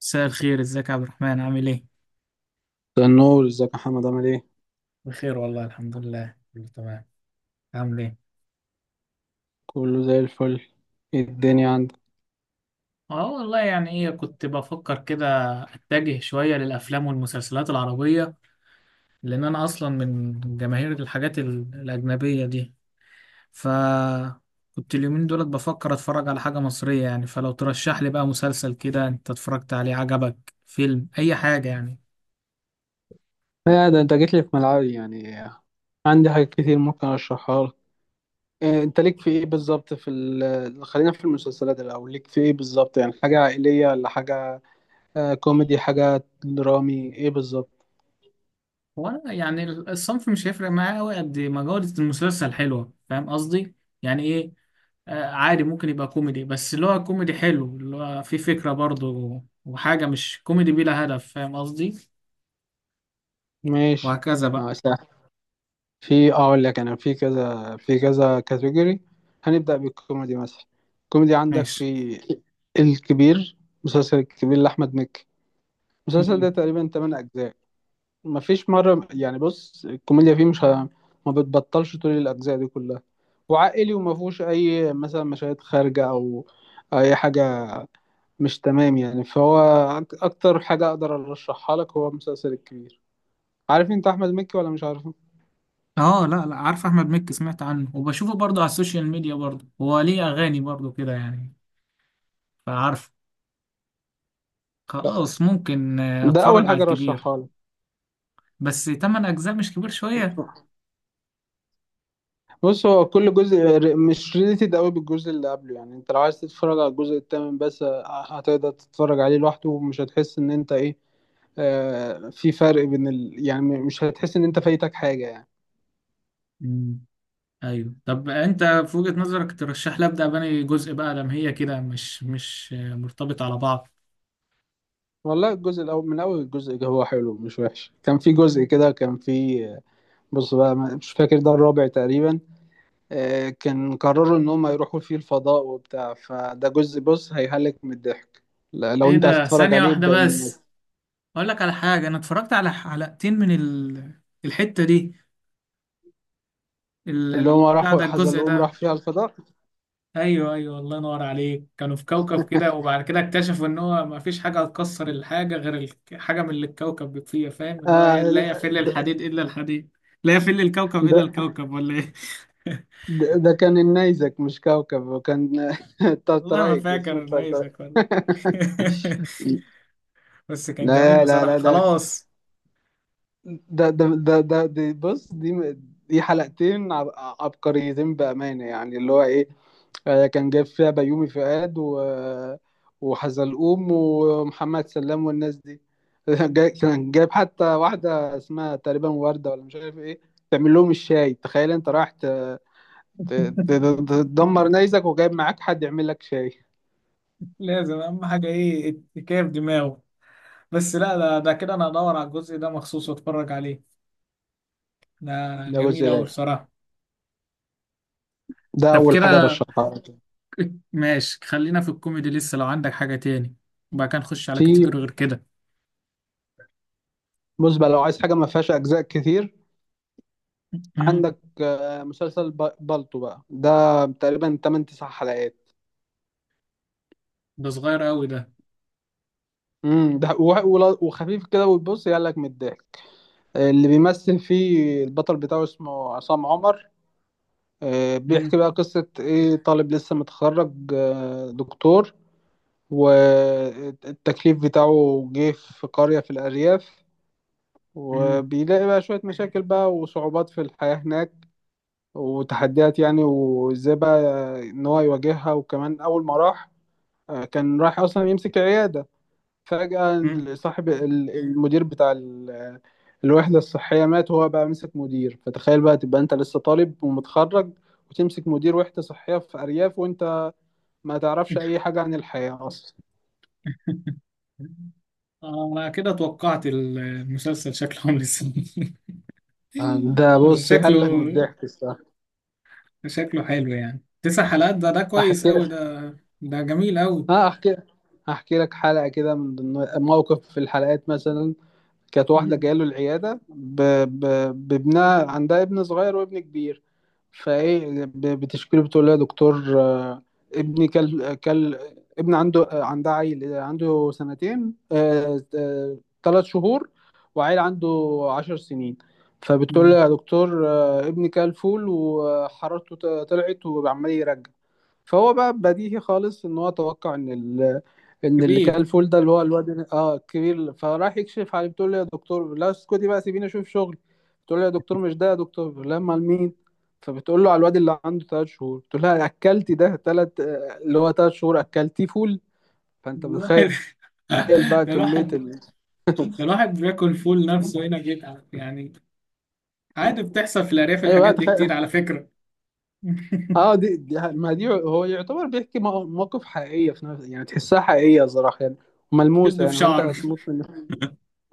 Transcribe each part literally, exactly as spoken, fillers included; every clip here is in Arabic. مساء الخير، ازيك يا عبد الرحمن؟ عامل ايه؟ ده النور. ازيك يا محمد عامل ايه؟ بخير والله، الحمد لله، كله تمام. عامل ايه؟ كله زي الفل. ايه الدنيا عندك؟ اه والله، يعني ايه، كنت بفكر كده. اتجه شوية للافلام والمسلسلات العربية، لان انا اصلا من جماهير الحاجات ال- الاجنبية دي. ف كنت اليومين دولت بفكر اتفرج على حاجة مصرية، يعني فلو ترشح لي بقى مسلسل كده انت اتفرجت عليه عجبك، فيلم، اي حاجة يعني. لا ده انت جيت لي في ملعبي يعني. عندي حاجات كتير ممكن اشرحها لك. إيه، انت ليك في ايه بالظبط في ال- خلينا في المسلسلات الاول. ليك في ايه بالظبط يعني حاجه عائليه ولا حاجه؟ آه، كوميدي حاجه درامي ايه بالظبط؟ هو أنا يعني الصنف مش هيفرق معايا قوي قد ما جودة المسلسل حلوة، فاهم قصدي؟ يعني ايه. آه، عادي ممكن يبقى كوميدي، بس اللي هو كوميدي حلو اللي هو فيه فكرة برضه وحاجة مش كوميدي بلا هدف، فاهم قصدي. ماشي. وهكذا بقى. اه سهل. في اقول لك انا في كذا في كذا كاتيجوري. هنبدا بالكوميدي مثلا. الكوميدي عندك ماشي. في الكبير. مسلسل الكبير لاحمد مكي. المسلسل ده مم. تقريبا تمانية أجزاء اجزاء. مفيش مره يعني بص الكوميديا فيه مش ه... ما بتبطلش طول الاجزاء دي كلها. وعائلي وما فيهوش اي مثلا مشاهد خارجه او اي حاجه مش تمام يعني. فهو أك- اكتر حاجه اقدر ارشحها لك هو المسلسل الكبير. عارف انت احمد مكي ولا مش عارفه؟ اه، لا لا، عارف احمد مكي، سمعت عنه وبشوفه برضه على السوشيال ميديا، برضه هو ليه اغاني برضه كده يعني. فعارف. لا خلاص، ممكن آه، ده اتفرج اول على حاجه الكبير. ارشحها بس تمن اجزاء مش كبير شوية؟ لك. بص هو كل جزء ر- مش ريليتد قوي بالجزء اللي قبله. يعني انت لو عايز تتفرج على الجزء الثامن بس ه- هتقدر تتفرج عليه لوحده ومش هتحس ان انت ايه. آه في فرق بين ال... يعني م- مش هتحس ان انت فايتك حاجة يعني. مم. ايوه، طب انت في وجهة نظرك ترشح لي ابدا بني جزء بقى، لما هي كده مش مش آه، مرتبط على بعض. والله الجزء الاول من اول الجزء ده هو حلو مش وحش. كان في جزء كده، كان في آه، بص بقى ما- مش فاكر، ده الرابع تقريبا. آه كان قرروا ان هم يروحوا فيه الفضاء وبتاع. فده جزء بص هيهلك من الضحك. لا- لو ايه انت عايز ده، تتفرج ثانية عليه واحدة ابدأ بيه بس. مثلا. اقول لك على حاجه، انا اتفرجت على حلقتين من ال... الحته دي، ال... اللي هم ال- بتاع ده، راحوا الجزء حزلقوم راح ده. فيها الفضاء. ايوه ايوه، الله ينور عليك. كانوا في كوكب كده وبعد كده اكتشفوا ان هو ما فيش حاجه هتكسر الحاجه غير الك- حاجه من اللي الكوكب بيبقى فيها، فاهم اللي هو هي- آه. لا يفل ده, الحديد الا الحديد. لا يفل الكوكب ده, الا ده الكوكب ولا ايه؟ ده كان النيزك مش كوكب، وكان والله ما طرطرايق اسمه فاكر طرطرايق. نيسك ولا. بس كان جميل لا لا بصراحه، لا. ده خلاص. ده ده ده, ده دي بص دي. دي حلقتين عب- عبقريتين بأمانة يعني اللي هو إيه. آه، كان جايب فيها بيومي فؤاد و وحزلقوم ومحمد سلام والناس دي. جاي- كان جايب حتى واحدة اسمها تقريبا وردة، ولا مش عارف إيه، تعمل لهم الشاي. تخيل أنت رايح ت- ت- تدمر نيزك وجايب معاك حد يعمل لك شاي. لازم اهم حاجه ايه، كيف دماغه. بس لا، ده, ده كده انا ادور على الجزء ده مخصوص واتفرج عليه. ده ده جميل جزء. ده أوي بصراحة. ده طب أول حاجة كده، رشحها لك. ماشي، خلينا في الكوميدي لسه لو عندك حاجة تاني، وبعد كده نخش على في كاتيجوري غير كده. بص بقى لو عايز حاجة ما فيهاش أجزاء كتير، مم. عندك آه، مسلسل ب- بالطو بقى. ده تقريبا تمن 9 حلقات. ده صغير أوي ده. امم ده و- ولا- وخفيف كده وتبص يقلك من الضحك. اللي بيمثل فيه البطل بتاعه اسمه عصام عمر. آه، بيحكي مم. بقى قصة ايه. طالب لسه متخرج آه، دكتور. والتكليف بتاعه جه في قرية في الأرياف، مم. وبيلاقي بقى شوية مشاكل بقى وصعوبات في الحياة هناك وتحديات يعني. وازاي بقى ان هو يواجهها. وكمان اول ما راح آه، كان راح اصلا يمسك عيادة. فجأة مم. صاحب ال- المدير بتاع ال- الوحدة الصحية مات، وهو بقى مسك مدير. فتخيل بقى، تبقى انت لسه طالب ومتخرج وتمسك مدير وحدة صحية في أرياف، وانت ما تعرفش اي حاجة عن الحياة اصلا. آه، أنا كده توقعت المسلسل شكله عامل ازاي. آه، ده بس بص شكله، يهلك من الضحك الصراحة. شكله حلو، يعني تسع حلقات ده ده كويس احكي. أوي ده. ده جميل أوي. اه احكي. احكي لك حلقه كده من ضمن موقف في الحلقات مثلا. كانت واحده مم. جايه له العياده ب... ب... بابنها. عندها ابن صغير وابن كبير. فايه ب... بتشكيله. بتقول له يا دكتور، آه، ابني كل كل ابن عنده آه، عندها عيل آه، عنده سنتين، آه، آه، ثلاثة شهور. وعيل عنده عشر سنين. فبتقول له مم. يا دكتور، آه، ابني كل فول وحرارته ط- طلعت وعمال يرجع. فهو بقى بديهي خالص ان هو توقع ان ال... ان اللي كان كبير. الفول ده اللي هو الواد اه الكبير. فراح يكشف عليه. بتقول له يا دكتور لا، اسكتي بقى، سيبيني اشوف شغل. بتقول له يا دكتور مش ده. يا دكتور لا، امال مين؟ فبتقول له على الواد اللي عنده ثلاثة شهور. بتقول لها اكلتي ده ثلاثة، اللي هو ثلاثة شهور اكلتيه فول. فانت الواحد. بتخيل بقى ده كمية الواحد، ال... الواحد بياكل فول نفسه هنا بيتعب يعني. عادي بتحصل في الأرياف ايوه الحاجات بقى دي كتير تخيل. على فكرة. اه دي, دي ما دي هو يعتبر بيحكي مو- موقف حقيقية في نفس يعني. تحسها حقيقية صراحة يعني شد ملموسة في يعني. فانت شعر. هتموت من.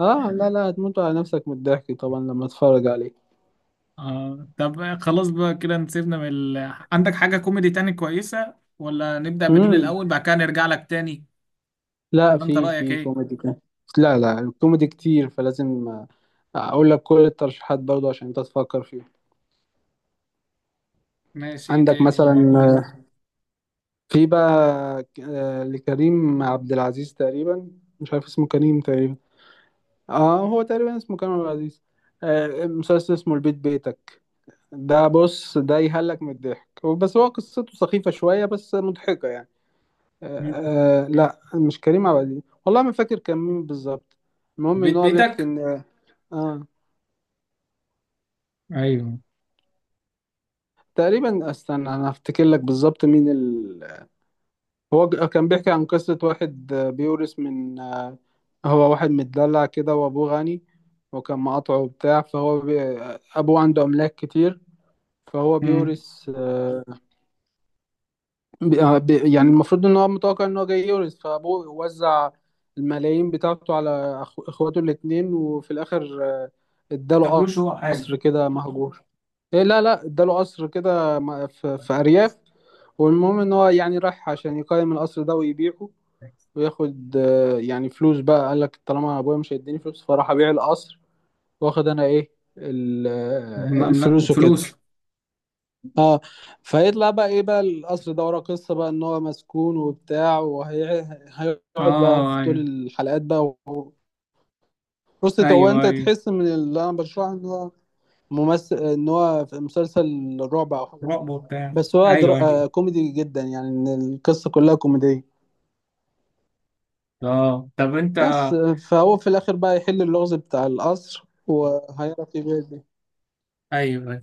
اه لا لا هتموت على نفسك من الضحك طبعا لما اتفرج عليه. آه، طب خلاص بقى كده نسيبنا من ال... عندك حاجة كوميدي تاني كويسة، ولا نبدأ بدول امم. الأول بعد كده نرجع لك تاني؟ لا ولا أنت في رأيك في إيه؟ كوميدي كان لا لا، الكوميدي كتير فلازم آه، اقول لك كل الترشيحات برضه عشان انت تفكر فيها. ماشي، إيه عندك تاني اللي مثلا موجود؟ آه، في بقى آه، لكريم عبد العزيز تقريبا. مش عارف اسمه كريم تقريبا. اه هو تقريبا اسمه كريم عبد العزيز. آه، مسلسل اسمه البيت بيتك. ده بص ده يهلك من الضحك، بس هو قصته سخيفة شوية بس مضحكة يعني. مم. آه لا مش كريم عبد العزيز، والله ما فاكر كان مين بالظبط. المهم ان بيت هو بيحكي بيتك. ان اه أيوه. تقريبا. استنى انا افتكر لك بالظبط مين ال... هو ج- كان بيحكي عن قصة واحد آه، بيورث من آه. هو واحد متدلع كده وابوه غني، وكان مقاطعه وبتاع. فهو بي... آه، ابوه عنده املاك كتير. فهو مم. بيورث آه، ب- آه، ب- يعني المفروض ان هو متوقع ان هو جاي يورث. فابوه وزع الملايين بتاعته على أخو- اخواته الاتنين. وفي الاخر آه، اداله مبلوش هو حاجة. قصر كده مهجور. إيه لا لا، اداله قصر كده م- في في ارياف. والمهم ان هو يعني راح عشان يقيم القصر ده ويبيعه وياخد آه، يعني فلوس بقى. قال لك طالما ابويا مش هيديني فلوس فراح ابيع القصر. واخد انا ايه ال- آه، مملكة الفلوس وكده. فلوس. اه فيطلع بقى ايه بقى القصر ده وراه قصه بقى ان هو مسكون وبتاع. وهيقعد بقى في اه، طول ايوه الحلقات بقى و... بص انت- هو ايوه. انت ايوه، تحس من اللي انا بشرحه ان هو ممثل ان هو في مسلسل رعب او حاجه. رقبة وبتاع. بس هو ايوه در... آه ايوه. كوميدي جدا يعني. ان القصه كلها كوميديه. اه، طب انت. بس آه، فهو في الاخر بقى يحل اللغز بتاع القصر. وهيعرف يبيع دي. ايوه،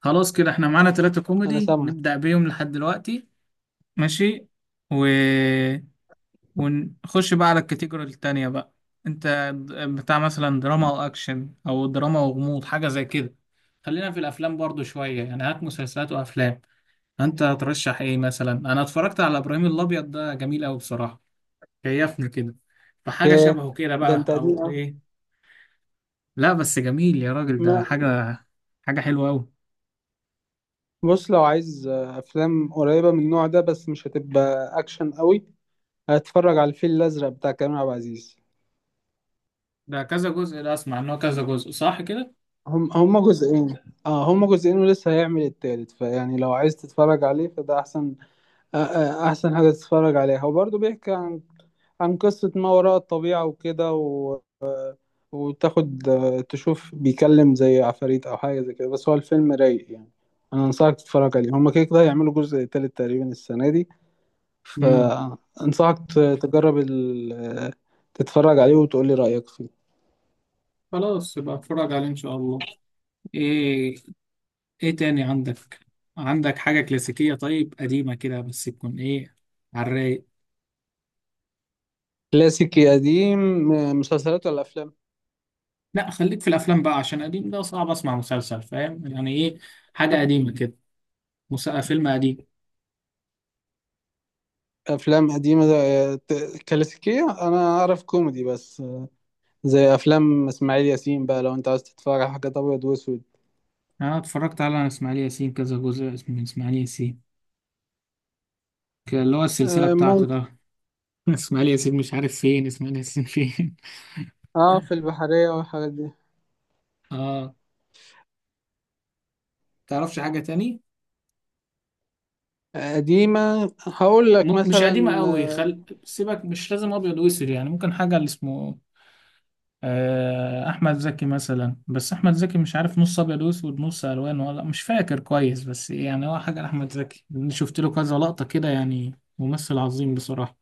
خلاص كده احنا معانا ثلاثة انا كوميدي سامعك. نبدأ بيهم لحد دلوقتي. ماشي. و... ونخش بقى على الكاتيجوري التانية بقى. انت، بتاع مثلا دراما او اكشن او دراما وغموض، حاجة زي كده. خلينا في الافلام برضو شوية، يعني هات مسلسلات وافلام. انت هترشح ايه مثلا؟ انا اتفرجت على ابراهيم الابيض، ده جميل قوي بصراحة، كيفني كده. فحاجة ياه شبهه كده ده انت بقى قديم او ايه؟ لا بس جميل يا راجل، ده قوي. حاجة، حاجة حلوة قوي. بص لو عايز آه، افلام قريبه من النوع ده، بس مش هتبقى اكشن قوي. هتفرج على الفيل الازرق بتاع كريم عبد العزيز. ده كذا جزء ده، اسمع ان هو كذا جزء، صح كده؟ هم هما جزئين. اه هما جزئين ولسه هيعمل التالت. فيعني لو عايز تتفرج عليه فده احسن. آه، آه، احسن حاجه تتفرج عليها. هو برضه بيحكي عن عن قصه ما وراء الطبيعه وكده و... وتاخد آه، تشوف بيكلم زي عفاريت او حاجه زي كده. بس هو الفيلم رايق يعني. انا انصحك تتفرج عليه. هما كده كده هيعملوا جزء تالت تقريبا السنه دي. مم. فأنصحك ت- تجرب ال... تتفرج عليه وتقول لي رأيك فيه. خلاص، يبقى اتفرج عليه ان شاء الله. ايه، ايه تاني عندك؟ عندك حاجة كلاسيكية، طيب قديمة كده بس تكون ايه، على الرايق. كلاسيكي قديم؟ مسلسلات ولا أفلام؟ لا، خليك في الافلام بقى، عشان قديم ده صعب اسمع مسلسل، فاهم يعني ايه، حاجة قديمة كده، مس- فيلم قديم. أفلام قديمة ده- ت- كلاسيكية. أنا أعرف كوميدي بس، زي أفلام إسماعيل ياسين بقى، لو أنت عايز تتفرج على حاجات أبيض وأسود. انا اتفرجت على اسماعيل ياسين كذا جزء، اسمه اسماعيل ياسين، كان اللي هو السلسلة آه، بتاعته ممكن. ده. اسماعيل ياسين مش عارف فين، اسماعيل ياسين فين. اه في البحرية والحاجات دي. اه. تعرفش حاجة تاني؟ قديمة هقول لك م- مش مثلا قديمة قوي، خل... سيبك مش لازم ابيض واسود يعني، ممكن حاجة اللي اسمه آه، احمد زكي مثلا. بس احمد زكي مش عارف نص ابيض واسود نص الوان ولا، مش فاكر كويس، بس يعني هو حاجه لاحمد زكي، أنا شفت له كذا لقطه كده، يعني ممثل عظيم بصراحه.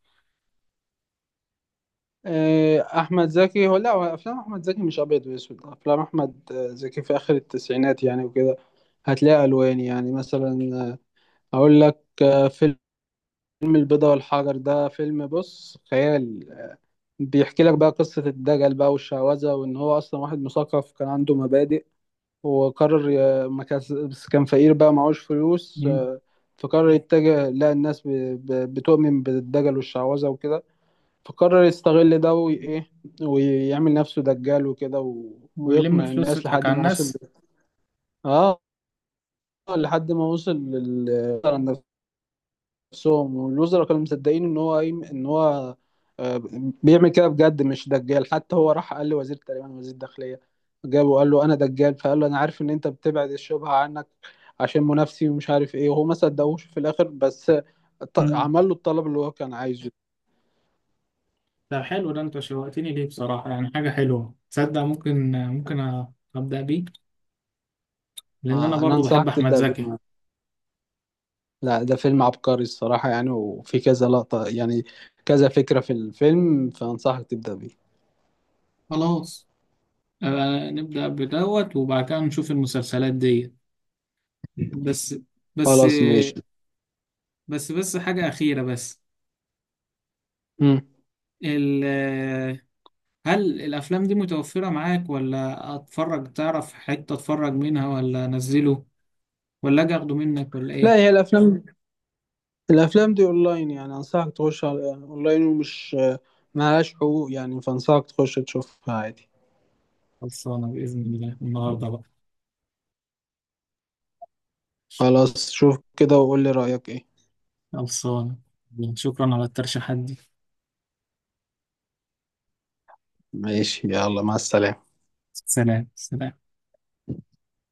آه، احمد زكي. هو لا هو افلام احمد زكي مش ابيض واسود. افلام احمد آه، زكي في اخر التسعينات يعني وكده هتلاقي الوان. يعني مثلا آه، اقول لك آه، فيلم البيضة والحجر. ده فيلم بص خيال. بيحكي لك بقى قصة الدجل بقى والشعوذة، وان هو اصلا واحد مثقف كان عنده مبادئ. وقرر ي- ما كان، بس كان فقير بقى معهوش فلوس. مم. آه، فقرر يتجه لا الناس ب- ب- بتؤمن بالدجل والشعوذة وكده. فقرر يستغل ده وي- ايه ويعمل نفسه دجال وكده و... ويلم ويقنع فلوس الناس ويضحك لحد على ما وصل الناس. اه لحد ما وصل لل نفسهم. والوزراء كانوا مصدقين ان هو ايه، ان هو آه، بيعمل كده بجد مش دجال. حتى هو راح قال لوزير تقريبا وزير الداخلية. جابه وقال له انا دجال. فقال له انا عارف ان انت بتبعد الشبهة عنك عشان منافسي ومش عارف ايه. وهو ما صدقوش في الاخر. بس ط- مم. عمل له الطلب اللي هو كان عايزه. ده حلو ده، انت شوقتني ليه بصراحه، يعني حاجه حلوه تصدق، ممكن ممكن، أ- ابدا بيه، لان انا آه، انا برضو بحب انصحك احمد تبدأ زكي. بيه. لا ده فيلم عبقري الصراحة يعني. وفي كذا لقطة يعني كذا فكرة في الفيلم. فأنصحك تبدأ بيه. خلاص، آه، نبدا بدوت وبعد كده نشوف المسلسلات دي. بس، بس، خلاص ماشي. بس بس حاجه اخيره بس، مم. ال- هل الأفلام دي متوفرة معاك ولا أتفرج؟ تعرف حتة أتفرج منها ولا أنزله، ولا أجي أخده منك ولا لا هي إيه؟ الأفلام. الأفلام دي أونلاين يعني. أنصحك تخش على أونلاين، ومش ملهاش حقوق يعني. فأنصحك تخش تشوفها عادي. خلصانة بإذن الله النهاردة بقى. خلاص شوف كده وقول لي رأيك إيه. خلصانة، شكرا على الترشيحات دي. ماشي، يلا مع السلامة. سلام سلام.